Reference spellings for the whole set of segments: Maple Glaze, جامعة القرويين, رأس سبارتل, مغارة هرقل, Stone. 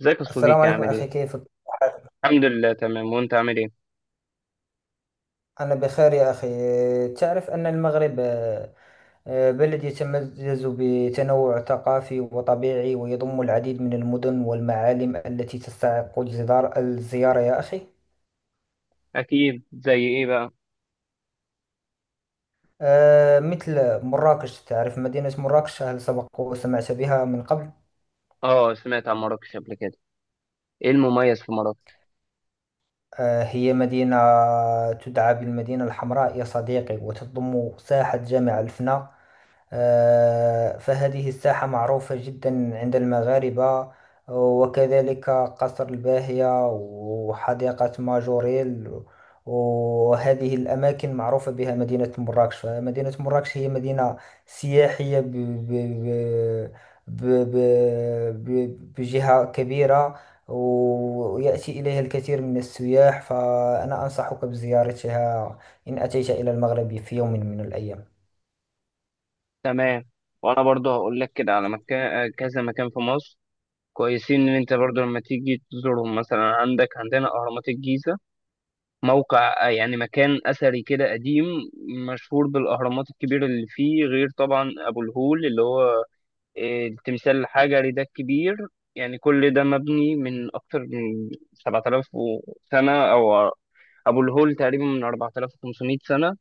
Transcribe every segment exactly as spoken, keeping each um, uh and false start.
ازيك يا السلام صديقي، عليكم عامل أخي، ايه؟ كيف حالك؟ الحمد لله تمام، وانت عامل ايه؟ أنا بخير يا أخي. تعرف أن المغرب آه، آه، بلد يتميز بتنوع ثقافي وطبيعي، ويضم العديد من المدن والمعالم التي تستحق الجدار- الزيارة يا أخي. اكيد، زي ايه بقى؟ آه، مثل مراكش، تعرف مدينة مراكش؟ هل سبق وسمعت بها من قبل؟ اه، سمعت عن مراكش قبل كده. ايه المميز في مراكش؟ آه، هي مدينة تدعى بالمدينة الحمراء يا صديقي، وتضم ساحة جامع الفناء. آه، فهذه الساحة معروفة جدا عند المغاربة، وكذلك قصر الباهية وحديقة ماجوريل. وهذه الأماكن معروفة بها مدينة مراكش. فمدينة مراكش هي مدينة سياحية ب... ب... ب... ب... ب... بجهة كبيرة، ويأتي إليها الكثير من السياح، فأنا أنصحك بزيارتها إن أتيت إلى المغرب في يوم من الأيام. تمام. وانا برضو هقول لك كده على مكان، كذا مكان في مصر كويسين ان انت برضو لما تيجي تزورهم. مثلا عندك عندنا اهرامات الجيزة، موقع آه، يعني مكان اثري كده قديم، مشهور بالاهرامات الكبيرة اللي فيه، غير طبعا ابو الهول اللي هو إيه، التمثال الحجري ده الكبير. يعني كل ده مبني من أكتر من سبعة آلاف سنة، أو أبو الهول تقريبا من أربعة آلاف وخمسمية سنة.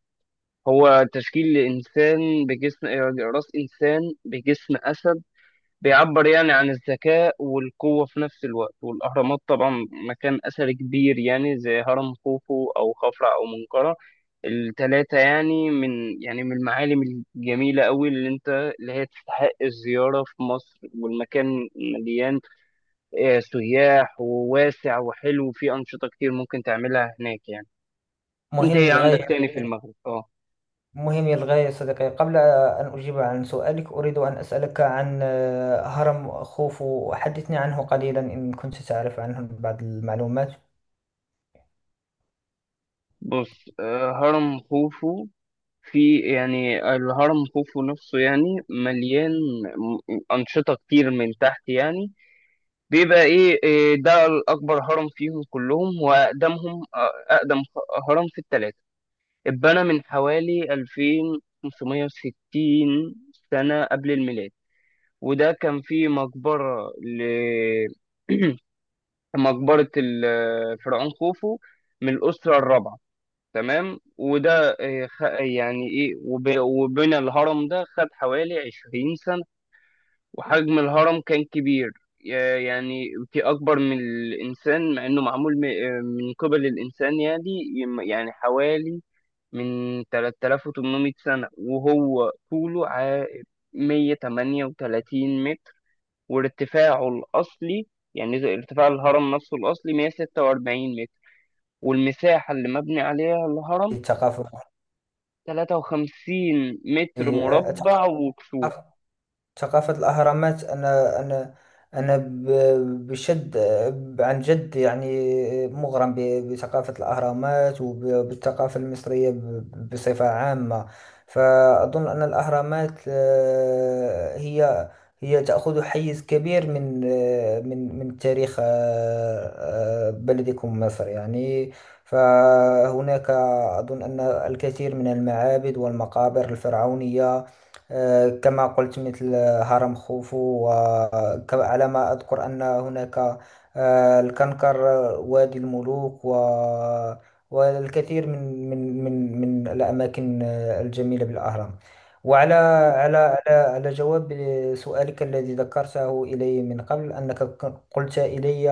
هو تشكيل إنسان بجسم آه، رأس إنسان بجسم أسد، بيعبر يعني عن الذكاء والقوة في نفس الوقت. والأهرامات طبعا مكان أثري كبير، يعني زي هرم خوفو أو خفرع أو منقرع، التلاتة. يعني من يعني من المعالم الجميلة أوي، اللي أنت اللي هي تستحق الزيارة في مصر. والمكان مليان آه، سياح، وواسع وحلو، وفيه أنشطة كتير ممكن تعملها هناك يعني. أنت مهم إيه عندك للغاية. تاني في المغرب؟ أه. مهم للغاية يا صديقي. قبل أن أجيب عن سؤالك، أريد أن أسألك عن آه، هرم خوفو، حدثني عنه قليلا إن كنت تعرف عنه بعض المعلومات. بص، آه، هرم خوفو، في يعني الهرم خوفو نفسه يعني مليان م- أنشطة كتير من تحت يعني. بيبقى إيه إيه ده الأكبر، هرم فيهم كلهم وأقدمهم، آه، أقدم خ- هرم في التلاتة. اتبنى من حوالي ألفين وخمسمية وستين سنة قبل الميلاد، وده كان فيه مقبرة ل مقبرة الفرعون خوفو، من الأسرة الرابعة. تمام. وده آه، خ- يعني ايه، وب- وبنى الهرم ده خد حوالي عشرين سنة. وحجم الهرم كان كبير، يا- يعني في أكبر من الإنسان، مع إنه معمول م- آه، من قبل الإنسان يعني. يم- يعني حوالي من ثلاثة آلاف وثمانمائة سنة. وهو طوله ع- مية وتمنية وتلاتين متر، وارتفاعه الأصلي، يعني زي ارتفاع الهرم نفسه الأصلي، مية وستة وأربعين متر. والمساحة اللي مبني عليها الهرم الثقافة، تلاتة وخمسين متر الثقافة، مربع وكسور. ثقافة الأهرامات. أنا أنا أنا ب- بشد، عن جد يعني، مغرم ب- بثقافة الأهرامات، وبالثقافة المصرية ب- بصفة عامة. فأظن أن الأهرامات آه، هي هي تأخذ حيز كبير من آه، من من تاريخ آه، آه، بلدكم مصر يعني. فهناك أظن أن الكثير من المعابد والمقابر الفرعونية، آه، كما قلت، مثل هرم خوفو. وعلى ما أذكر أن هناك آه، الكنكر، آه، وادي الملوك، و والكثير من من من من الأماكن آه، الجميلة بالأهرام. وعلى على على على جواب سؤالك الذي ذكرته إلي من قبل، أنك قلت إلي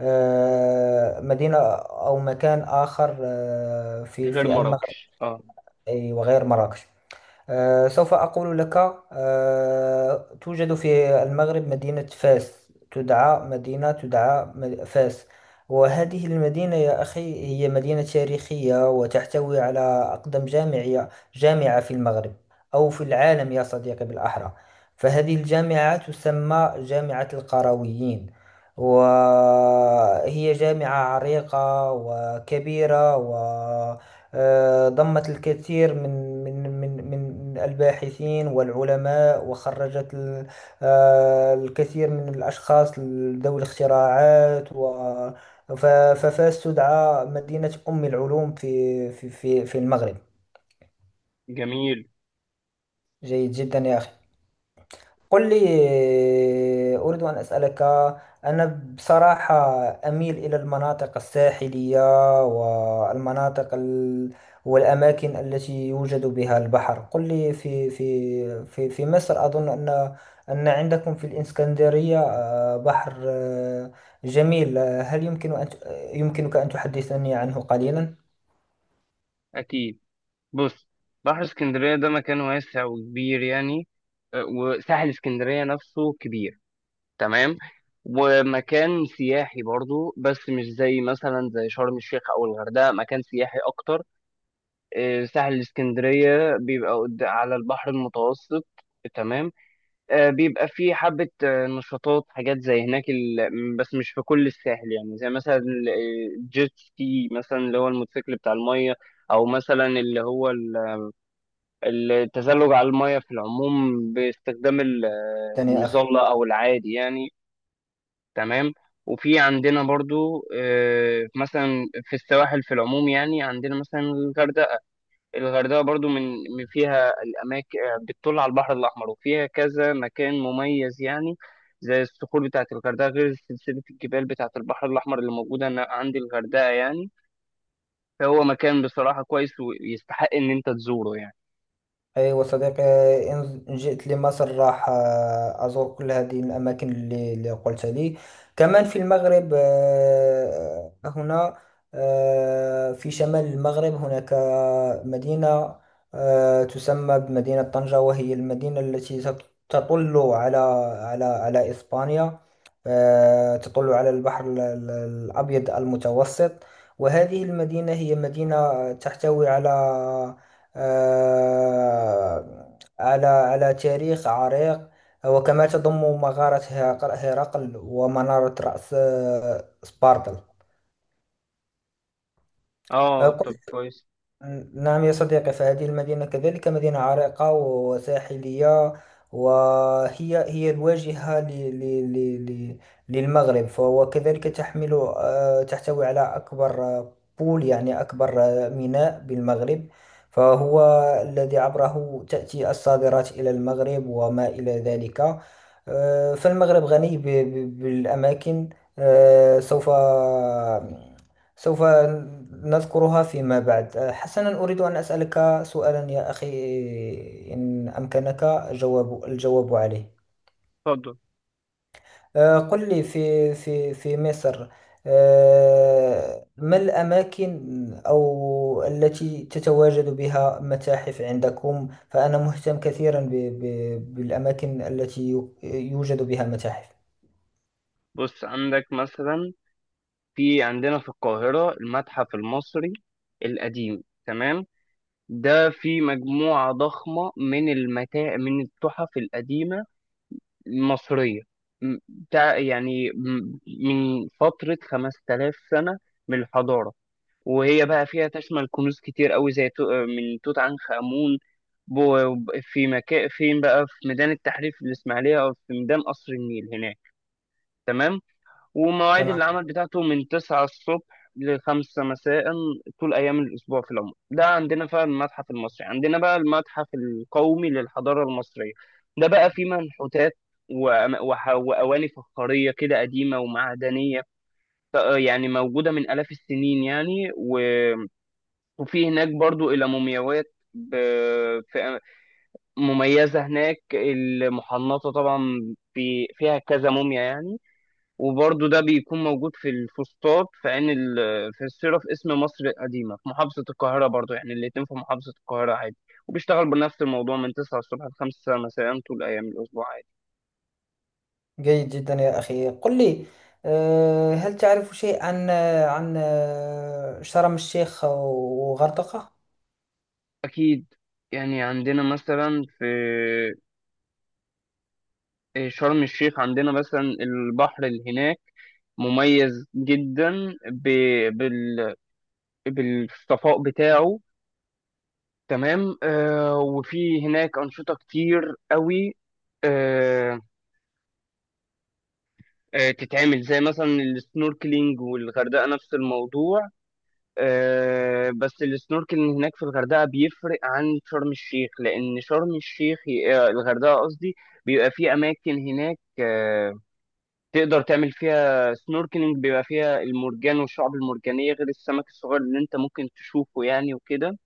آه، مدينة أو مكان آخر آه، في غير في المغرب. مراكش، اه. أي وغير مراكش، آه، سوف أقول لك. آه، توجد في المغرب مدينة فاس، تدعى مدينة تدعى م- فاس. وهذه المدينة يا أخي هي مدينة تاريخية، وتحتوي على أقدم جامعية جامعة في المغرب، أو في العالم يا صديقي بالأحرى. فهذه الجامعة تسمى جامعة القرويين، وهي جامعة عريقة وكبيرة، و آه، ضمت الكثير من من من من الباحثين والعلماء، وخرجت ال- آه، الكثير من الأشخاص ذوي الاختراعات. و ف- ففاس تدعى مدينة أم العلوم في في في في المغرب. جميل. جيد جدا يا أخي. قل لي، أريد أن أسألك. أنا بصراحة أميل إلى المناطق الساحلية، والمناطق ال... والأماكن التي يوجد بها البحر. قل لي، في في في في مصر، أظن أن أن عندكم في الإسكندرية آه، بحر آه، جميل. آه، هل يمكن أن ت- يمكنك أن تحدثني عنه قليلا اكيد. بص، بحر اسكندريه ده مكان واسع وكبير يعني، آه، وساحل اسكندريه نفسه كبير. تمام. ومكان سياحي برضو، بس مش زي مثلا زي شرم الشيخ او الغردقه، مكان سياحي اكتر. آه، ساحل اسكندريه بيبقى قد- على البحر المتوسط. تمام. آه، بيبقى فيه حبة آه، نشاطات، حاجات زي هناك ال... بس مش في كل الساحل يعني، زي مثلا ال- الجيت سكي مثلا، اللي هو الموتوسيكل بتاع المية. أو مثلا اللي هو ال- التزلج على المية في العموم، باستخدام ال- آه، يا أخي؟ المظلة أو العادي يعني. تمام. وفي عندنا برضو آه، مثلا في السواحل في العموم، يعني عندنا مثلا الغردقة. الغردقة برضو من من فيها الأماكن بتطل على البحر الأحمر، وفيها كذا مكان مميز يعني، زي الصخور بتاعة الغردقة، غير سلسلة الجبال بتاعة البحر الأحمر اللي موجودة هنا عند الغردقة يعني. فهو مكان بصراحة كويس ويستحق إن أنت تزوره يعني. أيوة صديقي، إن إن جئت لمصر، راح آه، أزور كل هذه الأماكن اللي, اللي قلت لي. كمان في المغرب آه، هنا آه، في شمال المغرب، هناك آه، مدينة آه، تسمى بمدينة طنجة، وهي المدينة التي تط- تطل على على على إسبانيا. آه، تطل على البحر ال- ال- الأبيض المتوسط. وهذه المدينة هي مدينة تحتوي على آه، على على تاريخ عريق، وكما تضم مغارة هرق- هرقل ومنارة رأس آه، سبارتل. اه، آه، طب كويس. نعم يا صديقي، فهذه المدينة كذلك مدينة عريقة وساحلية، وهي هي الواجهة ل- ل- ل- ل- للمغرب. فهو كذلك تحمل آه، تحتوي على أكبر آه، بول يعني أكبر آه، ميناء بالمغرب، فهو الذي عبره تأتي الصادرات إلى المغرب وما إلى ذلك. آه، فالمغرب غني ب- ب- بالأماكن. آه، سوف سوف نذكرها فيما بعد. أه، حسنا، أريد أن أسألك سؤالا يا أخي إن أمكنك جواب الجواب عليه. اتفضل. آه، قل لي، في في في مصر، آه، ما الأماكن أو التي تتواجد بها متاحف عندكم؟ فأنا مهتم كثيرا ب- ب- بالأماكن التي يو- يوجد بها متاحف. بص، عندك مثلا، في عندنا في القاهرة المتحف المصري القديم. تمام. ده في مجموعة ضخمة من المتاع من التحف القديمة مصرية، م- تع- يعني م- من فترة خمسة آلاف سنة من الحضارة. وهي بقى فيها تشمل كنوز كتير قوي، زي تو- من توت عنخ آمون. بو- في مكان فين بقى؟ في ميدان التحرير في الإسماعيلية، أو في ميدان قصر النيل هناك. تمام. ومواعيد تمام. العمل بتاعته من تسعة الصبح لخمسة مساء طول أيام الأسبوع في العموم، ده عندنا فعلا المتحف المصري. عندنا بقى المتحف القومي للحضارة المصرية، ده بقى فيه منحوتات، وأم- وح- وأواني فخارية كده قديمة ومعدنية، ف- يعني موجودة من آلاف السنين يعني. و- وفي هناك برضو إلى مومياوات ب- في- مميزة هناك المحنطة طبعا، في فيها كذا موميا يعني. وبرضه ده بيكون موجود في الفسطاط، في عين ال- في الصيرة، في اسم مصر القديمة في محافظة القاهرة، برضه يعني الاتنين في محافظة القاهرة عادي. وبيشتغل بنفس الموضوع من تسعة الصبح ل خمسة مساء طول أيام الأسبوع عادي. جيد جدا يا أخي. قل لي، آه، هل تعرف شيء عن عن آه، شرم الشيخ وغردقة؟ أكيد. يعني عندنا مثلا في آه، شرم الشيخ، عندنا مثلا البحر اللي هناك مميز جدا ب... بال... بالصفاء بتاعه. تمام. آه، وفي هناك أنشطة كتير قوي، آه، تتعمل زي مثلا السنوركلينج. والغردقة نفس الموضوع. آه، بس السنوركلينج هناك في الغردقة بيفرق عن شرم الشيخ، لأن شرم الشيخ، آه، الغردقة قصدي، بيبقى في أماكن هناك آه، تقدر تعمل فيها سنوركلينج، بيبقى فيها المرجان والشعب المرجانية، غير السمك الصغير اللي أنت ممكن تشوفه يعني وكده.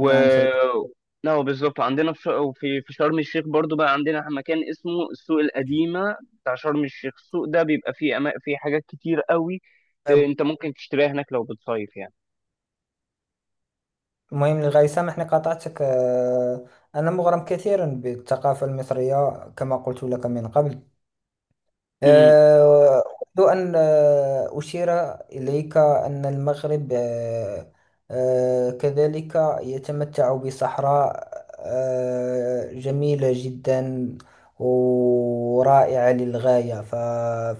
نعم صديقي. لا، بالظبط. عندنا في ش- وفي- في شرم الشيخ برضو بقى عندنا مكان اسمه السوق القديمة بتاع شرم الشيخ. السوق ده بيبقى فيه أما... فيه حاجات كتير قوي ت- انت ممكن تشتريها هناك لو بتصيف يعني. المهم للغاية، سامحني قاطعتك. آه، أنا مغرم كثيرا بالثقافة المصرية كما قلت لك من قبل. امم. آه، أود أن آه، أشير إليك أن المغرب آه، آه، كذلك يتمتع بصحراء آه، جميلة جدا ورائعة للغاية. ف-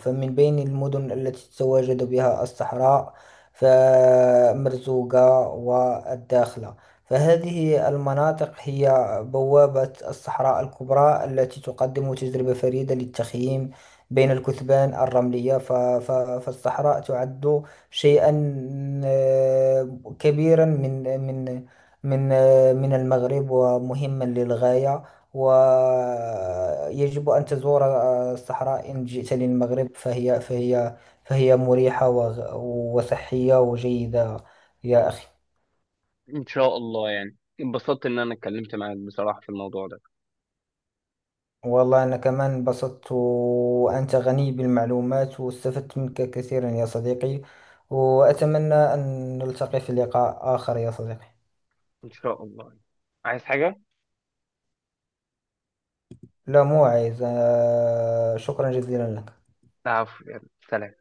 فمن بين المدن التي تتواجد بها الصحراء، فمرزوقة والداخلة، فهذه المناطق هي بوابة الصحراء الكبرى التي تقدم تجربة فريدة للتخييم بين الكثبان الرملية. ف- ف- فالصحراء تعد شيئا آه، كبيرا من من من آه، من المغرب، ومهما للغاية. ويجب أن تزور آه، الصحراء إن جئت للمغرب، فهي فهي فهي مريحة، وغ- وصحية وجيدة يا أخي. ان شاء الله. يعني اتبسطت ان انا اتكلمت معاك بصراحة في الموضوع ده. والله أنا كمان انبسطت، وأنت غني بالمعلومات واستفدت منك كثيرا يا صديقي، وأتمنى أن نلتقي في لقاء آخر يا صديقي. ان شاء الله. عايز حاجة؟ لا موعظ، آه، شكرا جزيلا لك. العفو. يلا، سلام.